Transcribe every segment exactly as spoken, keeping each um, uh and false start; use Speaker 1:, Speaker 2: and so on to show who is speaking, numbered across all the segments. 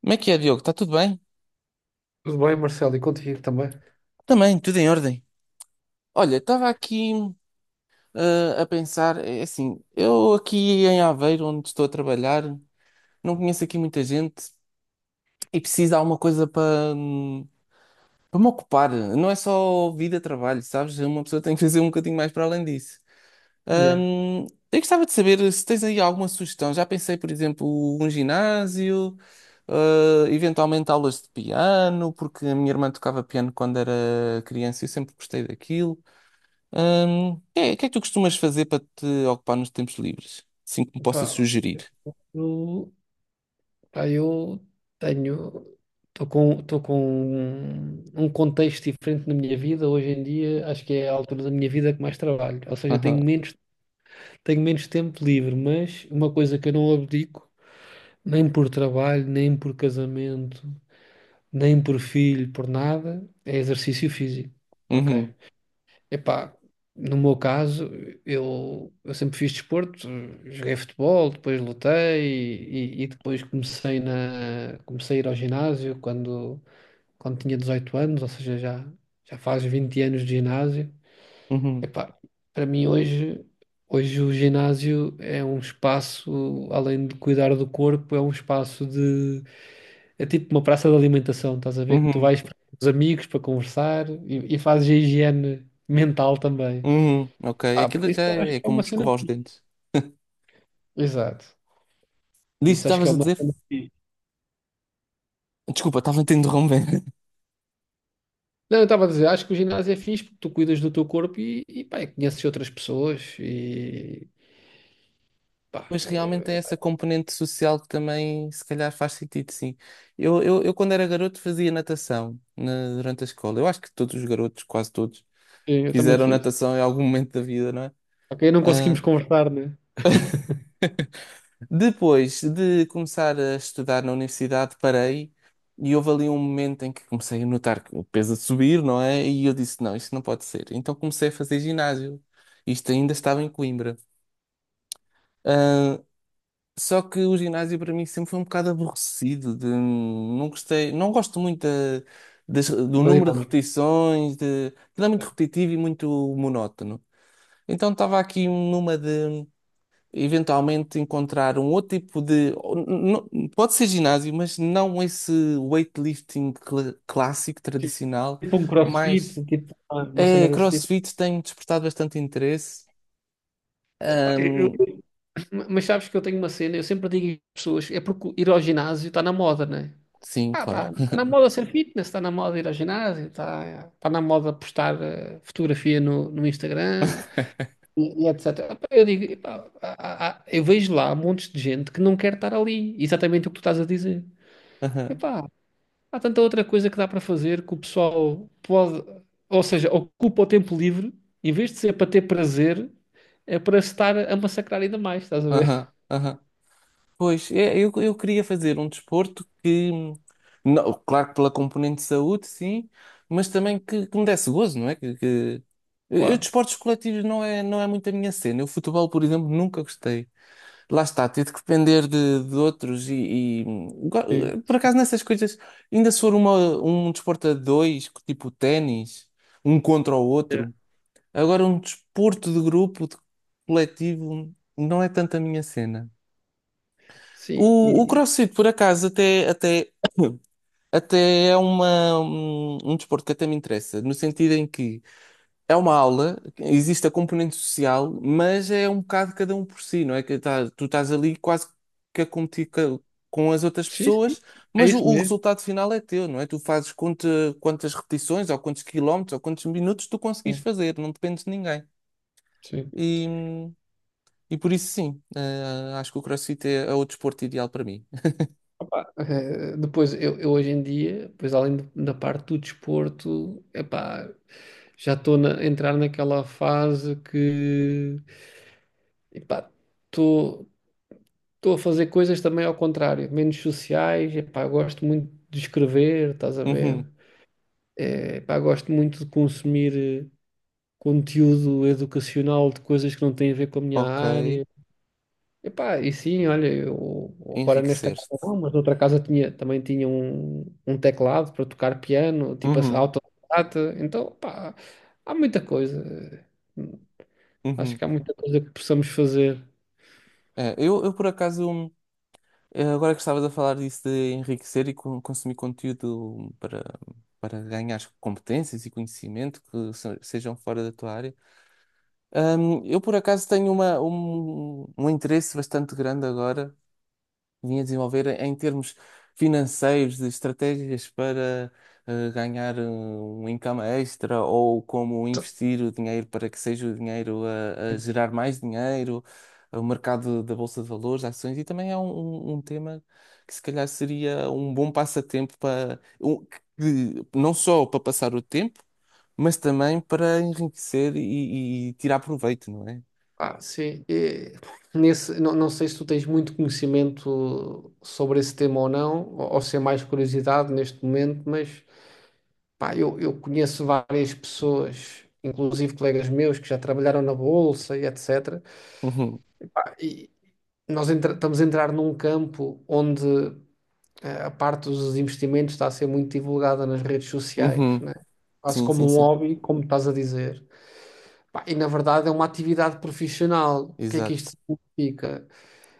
Speaker 1: Como é que é, Diogo? Está tudo bem?
Speaker 2: Tudo bem, Marcelo, e contigo também.
Speaker 1: Também, tudo em ordem. Olha, estava aqui eh, a pensar, é assim, eu aqui em Aveiro, onde estou a trabalhar, não conheço aqui muita gente e preciso de alguma coisa para hum, para me ocupar. Não é só vida, trabalho, sabes? Uma pessoa tem que fazer um bocadinho mais para além disso.
Speaker 2: Yeah.
Speaker 1: Hum, eu gostava de saber se tens aí alguma sugestão. Já pensei, por exemplo, um ginásio, eh, eventualmente aulas de piano, porque a minha irmã tocava piano quando era criança e eu sempre gostei daquilo. Hum, o que é, o que é que tu costumas fazer para te ocupar nos tempos livres? Assim que me possas
Speaker 2: Pá,
Speaker 1: sugerir.
Speaker 2: eu, pá, eu tenho, estou com, estou com um, um contexto diferente na minha vida. Hoje em dia, acho que é a altura da minha vida que mais trabalho. Ou seja, tenho
Speaker 1: Aham.
Speaker 2: menos, tenho menos tempo livre, mas uma coisa que eu não abdico, nem por trabalho, nem por casamento, nem por filho, por nada, é exercício físico. Ok.
Speaker 1: Uhum,
Speaker 2: Epá, no meu caso, eu, eu sempre fiz desporto, joguei futebol, depois lutei e, e depois comecei na, comecei a ir ao ginásio quando, quando tinha dezoito anos, ou seja, já, já faz vinte anos de ginásio.
Speaker 1: uhum,
Speaker 2: Epá, para mim hoje, hoje o ginásio é um espaço, além de cuidar do corpo, é um espaço de, é tipo uma praça de alimentação, estás a ver que tu
Speaker 1: uhum,
Speaker 2: vais para os amigos para conversar e, e fazes a higiene mental também.
Speaker 1: uhum. Ok,
Speaker 2: Ah, por
Speaker 1: aquilo já
Speaker 2: isso eu acho
Speaker 1: é
Speaker 2: que é
Speaker 1: como
Speaker 2: uma cena.
Speaker 1: escovar os dentes.
Speaker 2: Exato. Por
Speaker 1: Disse,
Speaker 2: isso acho que é
Speaker 1: estavas a
Speaker 2: uma
Speaker 1: dizer?
Speaker 2: cena fixe.
Speaker 1: Desculpa, estava a te interromper.
Speaker 2: Não, eu estava a dizer, acho que o ginásio é fixe porque tu cuidas do teu corpo e, e pá, e conheces outras pessoas e pá,
Speaker 1: Mas realmente é essa componente social que também, se calhar, faz sentido, sim. Eu, eu, eu quando era garoto, fazia natação na- durante a escola. Eu acho que todos os garotos, quase todos,
Speaker 2: sim, eu também
Speaker 1: fizeram
Speaker 2: fiz.
Speaker 1: natação em algum momento da vida, não é?
Speaker 2: Ok, não
Speaker 1: Ah,
Speaker 2: conseguimos conversar, né?
Speaker 1: depois de começar a estudar na universidade, parei e houve ali um momento em que comecei a notar que o peso a subir, não é? E eu disse: não, isto não pode ser. Então comecei a fazer ginásio. Isto ainda estava em Coimbra. Ah, só que o ginásio para mim sempre foi um bocado aborrecido, de- hum, não gostei, não gosto muito da- das- do
Speaker 2: Da
Speaker 1: número de
Speaker 2: dinâmica.
Speaker 1: repetições, de, aquilo é muito repetitivo e muito monótono. Então estava aqui numa de eventualmente encontrar um outro tipo de, ou n- n- pode ser ginásio, mas não esse weightlifting cla- clássico, tradicional,
Speaker 2: Tipo um
Speaker 1: mas
Speaker 2: crossfit, tipo uma uma cena
Speaker 1: é,
Speaker 2: desse tipo.
Speaker 1: CrossFit tem despertado bastante interesse.
Speaker 2: Epá, eu-
Speaker 1: Ahm,
Speaker 2: eu- mas sabes que eu tenho uma cena, eu sempre digo às pessoas, é porque ir ao ginásio está na moda, né?
Speaker 1: sim,
Speaker 2: Ah,
Speaker 1: claro.
Speaker 2: tá, tá na moda ser fitness, está na moda ir ao ginásio, está tá tá na moda postar eh, fotografia no, no Instagram. E, e etecétera. Epá, eu digo, epá, há- há- eu vejo lá montes de gente que não quer estar ali. Exatamente o que tu estás a dizer.
Speaker 1: Aham,
Speaker 2: Epá, há tanta outra coisa que dá para fazer que o pessoal pode, ou seja, ocupa o tempo livre, em vez de ser para ter prazer, é para se estar a massacrar ainda mais, estás a ver?
Speaker 1: aham, aham. Pois, é, eu, eu queria fazer um desporto que, hum, não, claro que pela componente de saúde, sim, mas também que, que me desse gozo, não é? Que, que... Eu, eu
Speaker 2: Claro.
Speaker 1: desportos coletivos não é, não é muito a minha cena. Eu futebol, por exemplo, nunca gostei. Lá está, ter de depender de, de outros e, e, hum,
Speaker 2: Sim.
Speaker 1: go- por acaso nessas coisas, ainda se for uma, um desporto a dois, tipo ténis, um contra o
Speaker 2: É.
Speaker 1: outro, agora um desporto de grupo, de coletivo, não é tanto a minha cena.
Speaker 2: Sim,
Speaker 1: O, o
Speaker 2: e-
Speaker 1: CrossFit, por acaso, até, até, até é uma, um, um desporto que até me interessa, no sentido em que é uma aula, existe a componente social, mas é um bocado cada um por si, não é? Que tá- tu estás ali quase que a competir ca- com as outras
Speaker 2: sim, sim.
Speaker 1: pessoas,
Speaker 2: É
Speaker 1: mas o,
Speaker 2: isso
Speaker 1: o
Speaker 2: mesmo.
Speaker 1: resultado final é teu, não é? Tu fazes quanta- quantas repetições, ou quantos quilómetros, ou quantos minutos tu conseguis
Speaker 2: Sim,
Speaker 1: fazer, não dependes de ninguém.
Speaker 2: sim.
Speaker 1: E, e por isso, sim, eh, acho que o CrossFit é, é o desporto ideal para mim.
Speaker 2: Opa, eh, depois, eu, eu hoje em dia, depois além do- da parte do desporto, epá, já estou a entrar naquela fase que epá, estou estou a fazer coisas também ao contrário, menos sociais, epá, eu gosto muito de escrever, estás a ver? Eh, epá, gosto muito de consumir eh, conteúdo educacional de coisas que não têm a ver com a minha
Speaker 1: Ok,
Speaker 2: área. Epá, e sim, olha, eu agora nesta casa
Speaker 1: enriqueceste.
Speaker 2: não, mas noutra casa tinha, também tinha um, um teclado para tocar piano, tipo assim,
Speaker 1: Uhum,
Speaker 2: autodidata. Então, pá, há muita coisa. Acho
Speaker 1: uhum.
Speaker 2: que há muita coisa que possamos fazer.
Speaker 1: É, eu, eu por acaso, hum, eh, agora que estavas a falar disso de enriquecer e con- consumir conteúdo para, para ganhar competências e conhecimento que se- sejam fora da tua área, hum, eu por acaso tenho uma, um, um interesse bastante grande agora vim a desenvolver em termos financeiros, de estratégias para eh, ganhar eh, um income extra ou como investir o dinheiro para que seja o dinheiro a, a gerar mais dinheiro, o mercado da Bolsa de Valores, ações, e também é um, um- um tema que se calhar seria um bom passatempo para um- que- não só para passar o tempo, mas também para enriquecer e, e tirar proveito, não é?
Speaker 2: Ah, sim. E nesse, não, não sei se tu tens muito conhecimento sobre esse tema ou não, ou, ou se é mais curiosidade neste momento, mas pá, eu, eu conheço várias pessoas, inclusive colegas meus que já trabalharam na Bolsa e etecétera
Speaker 1: Uhum,
Speaker 2: Nós entra- estamos a entrar num campo onde eh, a parte dos investimentos está a ser muito divulgada nas redes sociais,
Speaker 1: uhum,
Speaker 2: né? Quase
Speaker 1: sim,
Speaker 2: como
Speaker 1: sim,
Speaker 2: um
Speaker 1: sim,
Speaker 2: hobby, como estás a dizer. Pá, e na verdade é uma atividade profissional. O que é que
Speaker 1: exato.
Speaker 2: isto significa?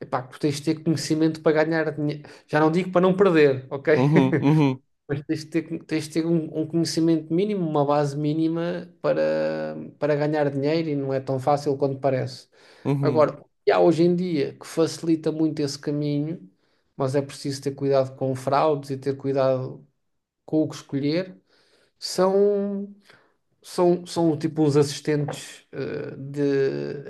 Speaker 2: Epá, que tens de ter conhecimento para ganhar dinheiro. Já não digo para não perder, ok?
Speaker 1: Uhum, uhum,
Speaker 2: Mas tens de ter, tens de ter um, um conhecimento mínimo, uma base mínima para, para ganhar dinheiro e não é tão fácil quanto parece.
Speaker 1: uhum.
Speaker 2: Agora, o que há hoje em dia que facilita muito esse caminho, mas é preciso ter cuidado com fraudes e ter cuidado com o que escolher, são, são, são tipo uns assistentes eh,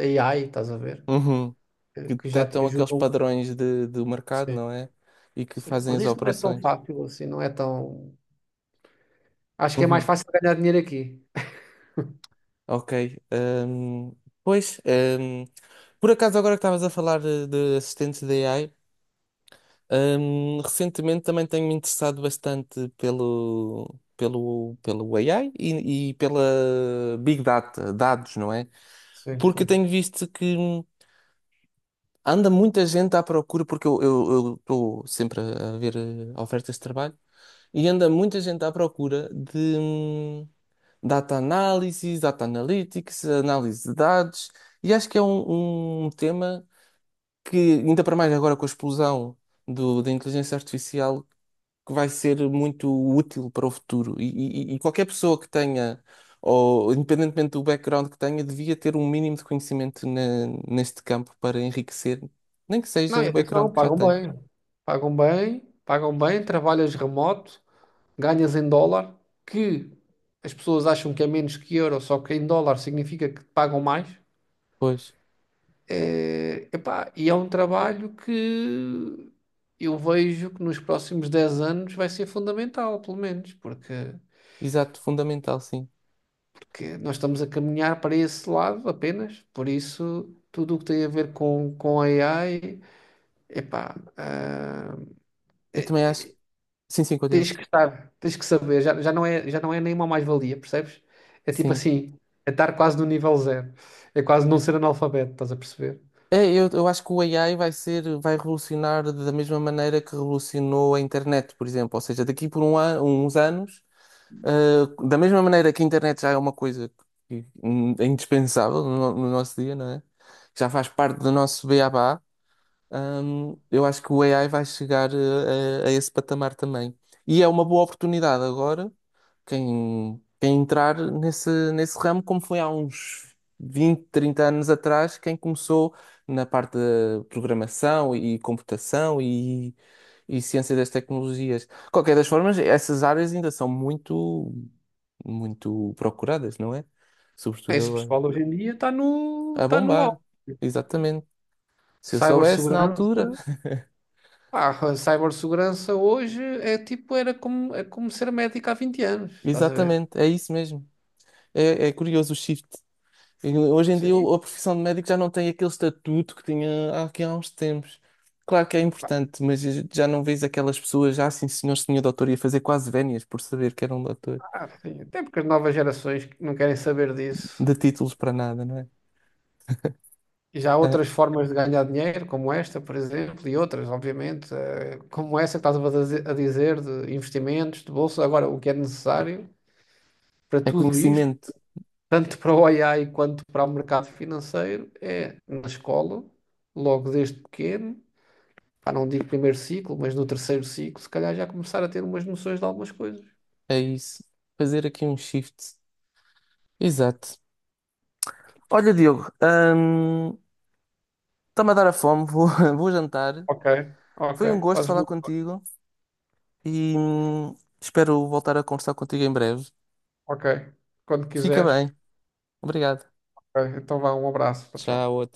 Speaker 2: de A I, estás a ver?
Speaker 1: Uhum.
Speaker 2: Eh,
Speaker 1: Que
Speaker 2: Que já te
Speaker 1: detectam aqueles
Speaker 2: ajudam.
Speaker 1: padrões de, do mercado,
Speaker 2: Sim,
Speaker 1: não é? E que
Speaker 2: sim.
Speaker 1: fazem
Speaker 2: Mas
Speaker 1: as
Speaker 2: isto não é tão
Speaker 1: operações.
Speaker 2: fácil assim, não é tão. Acho que é mais
Speaker 1: Uhum.
Speaker 2: fácil ganhar dinheiro aqui.
Speaker 1: Ok. Ahm, pois, ahm, por acaso, agora que estavas a falar de, de assistentes de A I, ahm, recentemente também tenho-me interessado bastante pelo, pelo, pelo A I e, e pela Big Data, dados, não é?
Speaker 2: Sim,
Speaker 1: Porque
Speaker 2: sim.
Speaker 1: tenho visto que. hum, Anda muita gente à procura, porque eu eu estou sempre a ver eh, ofertas de trabalho, e anda muita gente à procura de hum, data analysis, data analytics, análise de dados, e acho que é um, um tema que, ainda para mais agora com a explosão do, da inteligência artificial, que vai ser muito útil para o futuro. E, e- e qualquer pessoa que tenha, ou independentemente do background que tenha, devia ter um mínimo de conhecimento na- neste campo para enriquecer, nem que seja
Speaker 2: Não,
Speaker 1: o
Speaker 2: eu disse,
Speaker 1: background
Speaker 2: não,
Speaker 1: que já
Speaker 2: pagam
Speaker 1: tem.
Speaker 2: bem. Pagam bem, pagam bem, trabalhas remoto, ganhas em dólar, que as pessoas acham que é menos que euro, só que em dólar significa que pagam mais.
Speaker 1: Pois,
Speaker 2: É, epá, e é um trabalho que eu vejo que nos próximos dez anos vai ser fundamental, pelo menos, porque,
Speaker 1: exato, fundamental, sim.
Speaker 2: porque nós estamos a caminhar para esse lado apenas, por isso tudo o que tem a ver com, com A I, epá, ah,
Speaker 1: Eu também acho. Sim, sim,
Speaker 2: tens
Speaker 1: continua.
Speaker 2: que estar, tens que saber, já, já não é, já não é nenhuma mais-valia, percebes? É tipo
Speaker 1: Sim.
Speaker 2: assim, é estar quase no nível zero. É quase não ser analfabeto, estás a perceber?
Speaker 1: É, eu, eu acho que o A I vai ser, vai revolucionar da mesma maneira que revolucionou a internet, por exemplo. Ou seja, daqui por um an, uns anos Uh, da mesma maneira que a internet já é uma coisa que, hum, é indispensável no, no nosso dia, não é? Já faz parte do nosso beabá, hum, eu acho que o A I vai chegar uh, a, a esse patamar também. E é uma boa oportunidade agora quem, quem entrar nesse, nesse ramo, como foi há uns vinte trinta anos atrás, quem começou na parte de programação e computação e, e ciência das tecnologias. De qualquer das formas, essas áreas ainda são muito, muito procuradas, não é? Sobretudo
Speaker 2: Esse
Speaker 1: agora.
Speaker 2: pessoal hoje em dia está no,
Speaker 1: A
Speaker 2: está no
Speaker 1: bombar,
Speaker 2: alto.
Speaker 1: exatamente. Se eu soubesse na
Speaker 2: Cybersegurança,
Speaker 1: altura,
Speaker 2: pá, a cibersegurança hoje é tipo, era como, é como ser médico há vinte anos, estás a ver?
Speaker 1: exatamente, é isso mesmo. É, é curioso o shift. E hoje em dia
Speaker 2: Sim,
Speaker 1: o- a profissão de médico já não tem aquele estatuto que tinha há- aqui há uns tempos. Claro que é importante, mas já não vês aquelas pessoas, já assim, senhor, senhor doutor, ia fazer quase vénias por saber que era um doutor,
Speaker 2: ah, sim. Até porque as novas gerações não querem saber disso.
Speaker 1: de títulos para nada, não é?
Speaker 2: E já há
Speaker 1: É,
Speaker 2: outras formas de ganhar dinheiro, como esta, por exemplo, e outras, obviamente, eh, como essa que estás a dizer, a dizer, de investimentos, de bolsa. Agora, o que é necessário para
Speaker 1: é
Speaker 2: tudo isto,
Speaker 1: conhecimento,
Speaker 2: tanto para o A I quanto para o mercado financeiro, é na escola, logo desde pequeno, pá, não digo primeiro ciclo, mas no terceiro ciclo, se calhar já começar a ter umas noções de algumas coisas.
Speaker 1: é isso. Fazer aqui um shift. Exato. Olha, Diogo, hum, está-me a dar a fome, vou, vou jantar.
Speaker 2: Ok, ok,
Speaker 1: Foi um gosto
Speaker 2: fazes
Speaker 1: falar
Speaker 2: muito bem.
Speaker 1: contigo e hum, espero voltar a conversar contigo em breve.
Speaker 2: Ok, quando
Speaker 1: Fica
Speaker 2: quiseres.
Speaker 1: bem. Obrigado.
Speaker 2: Ok, então vá, um abraço, tchau, tchau.
Speaker 1: Tchau.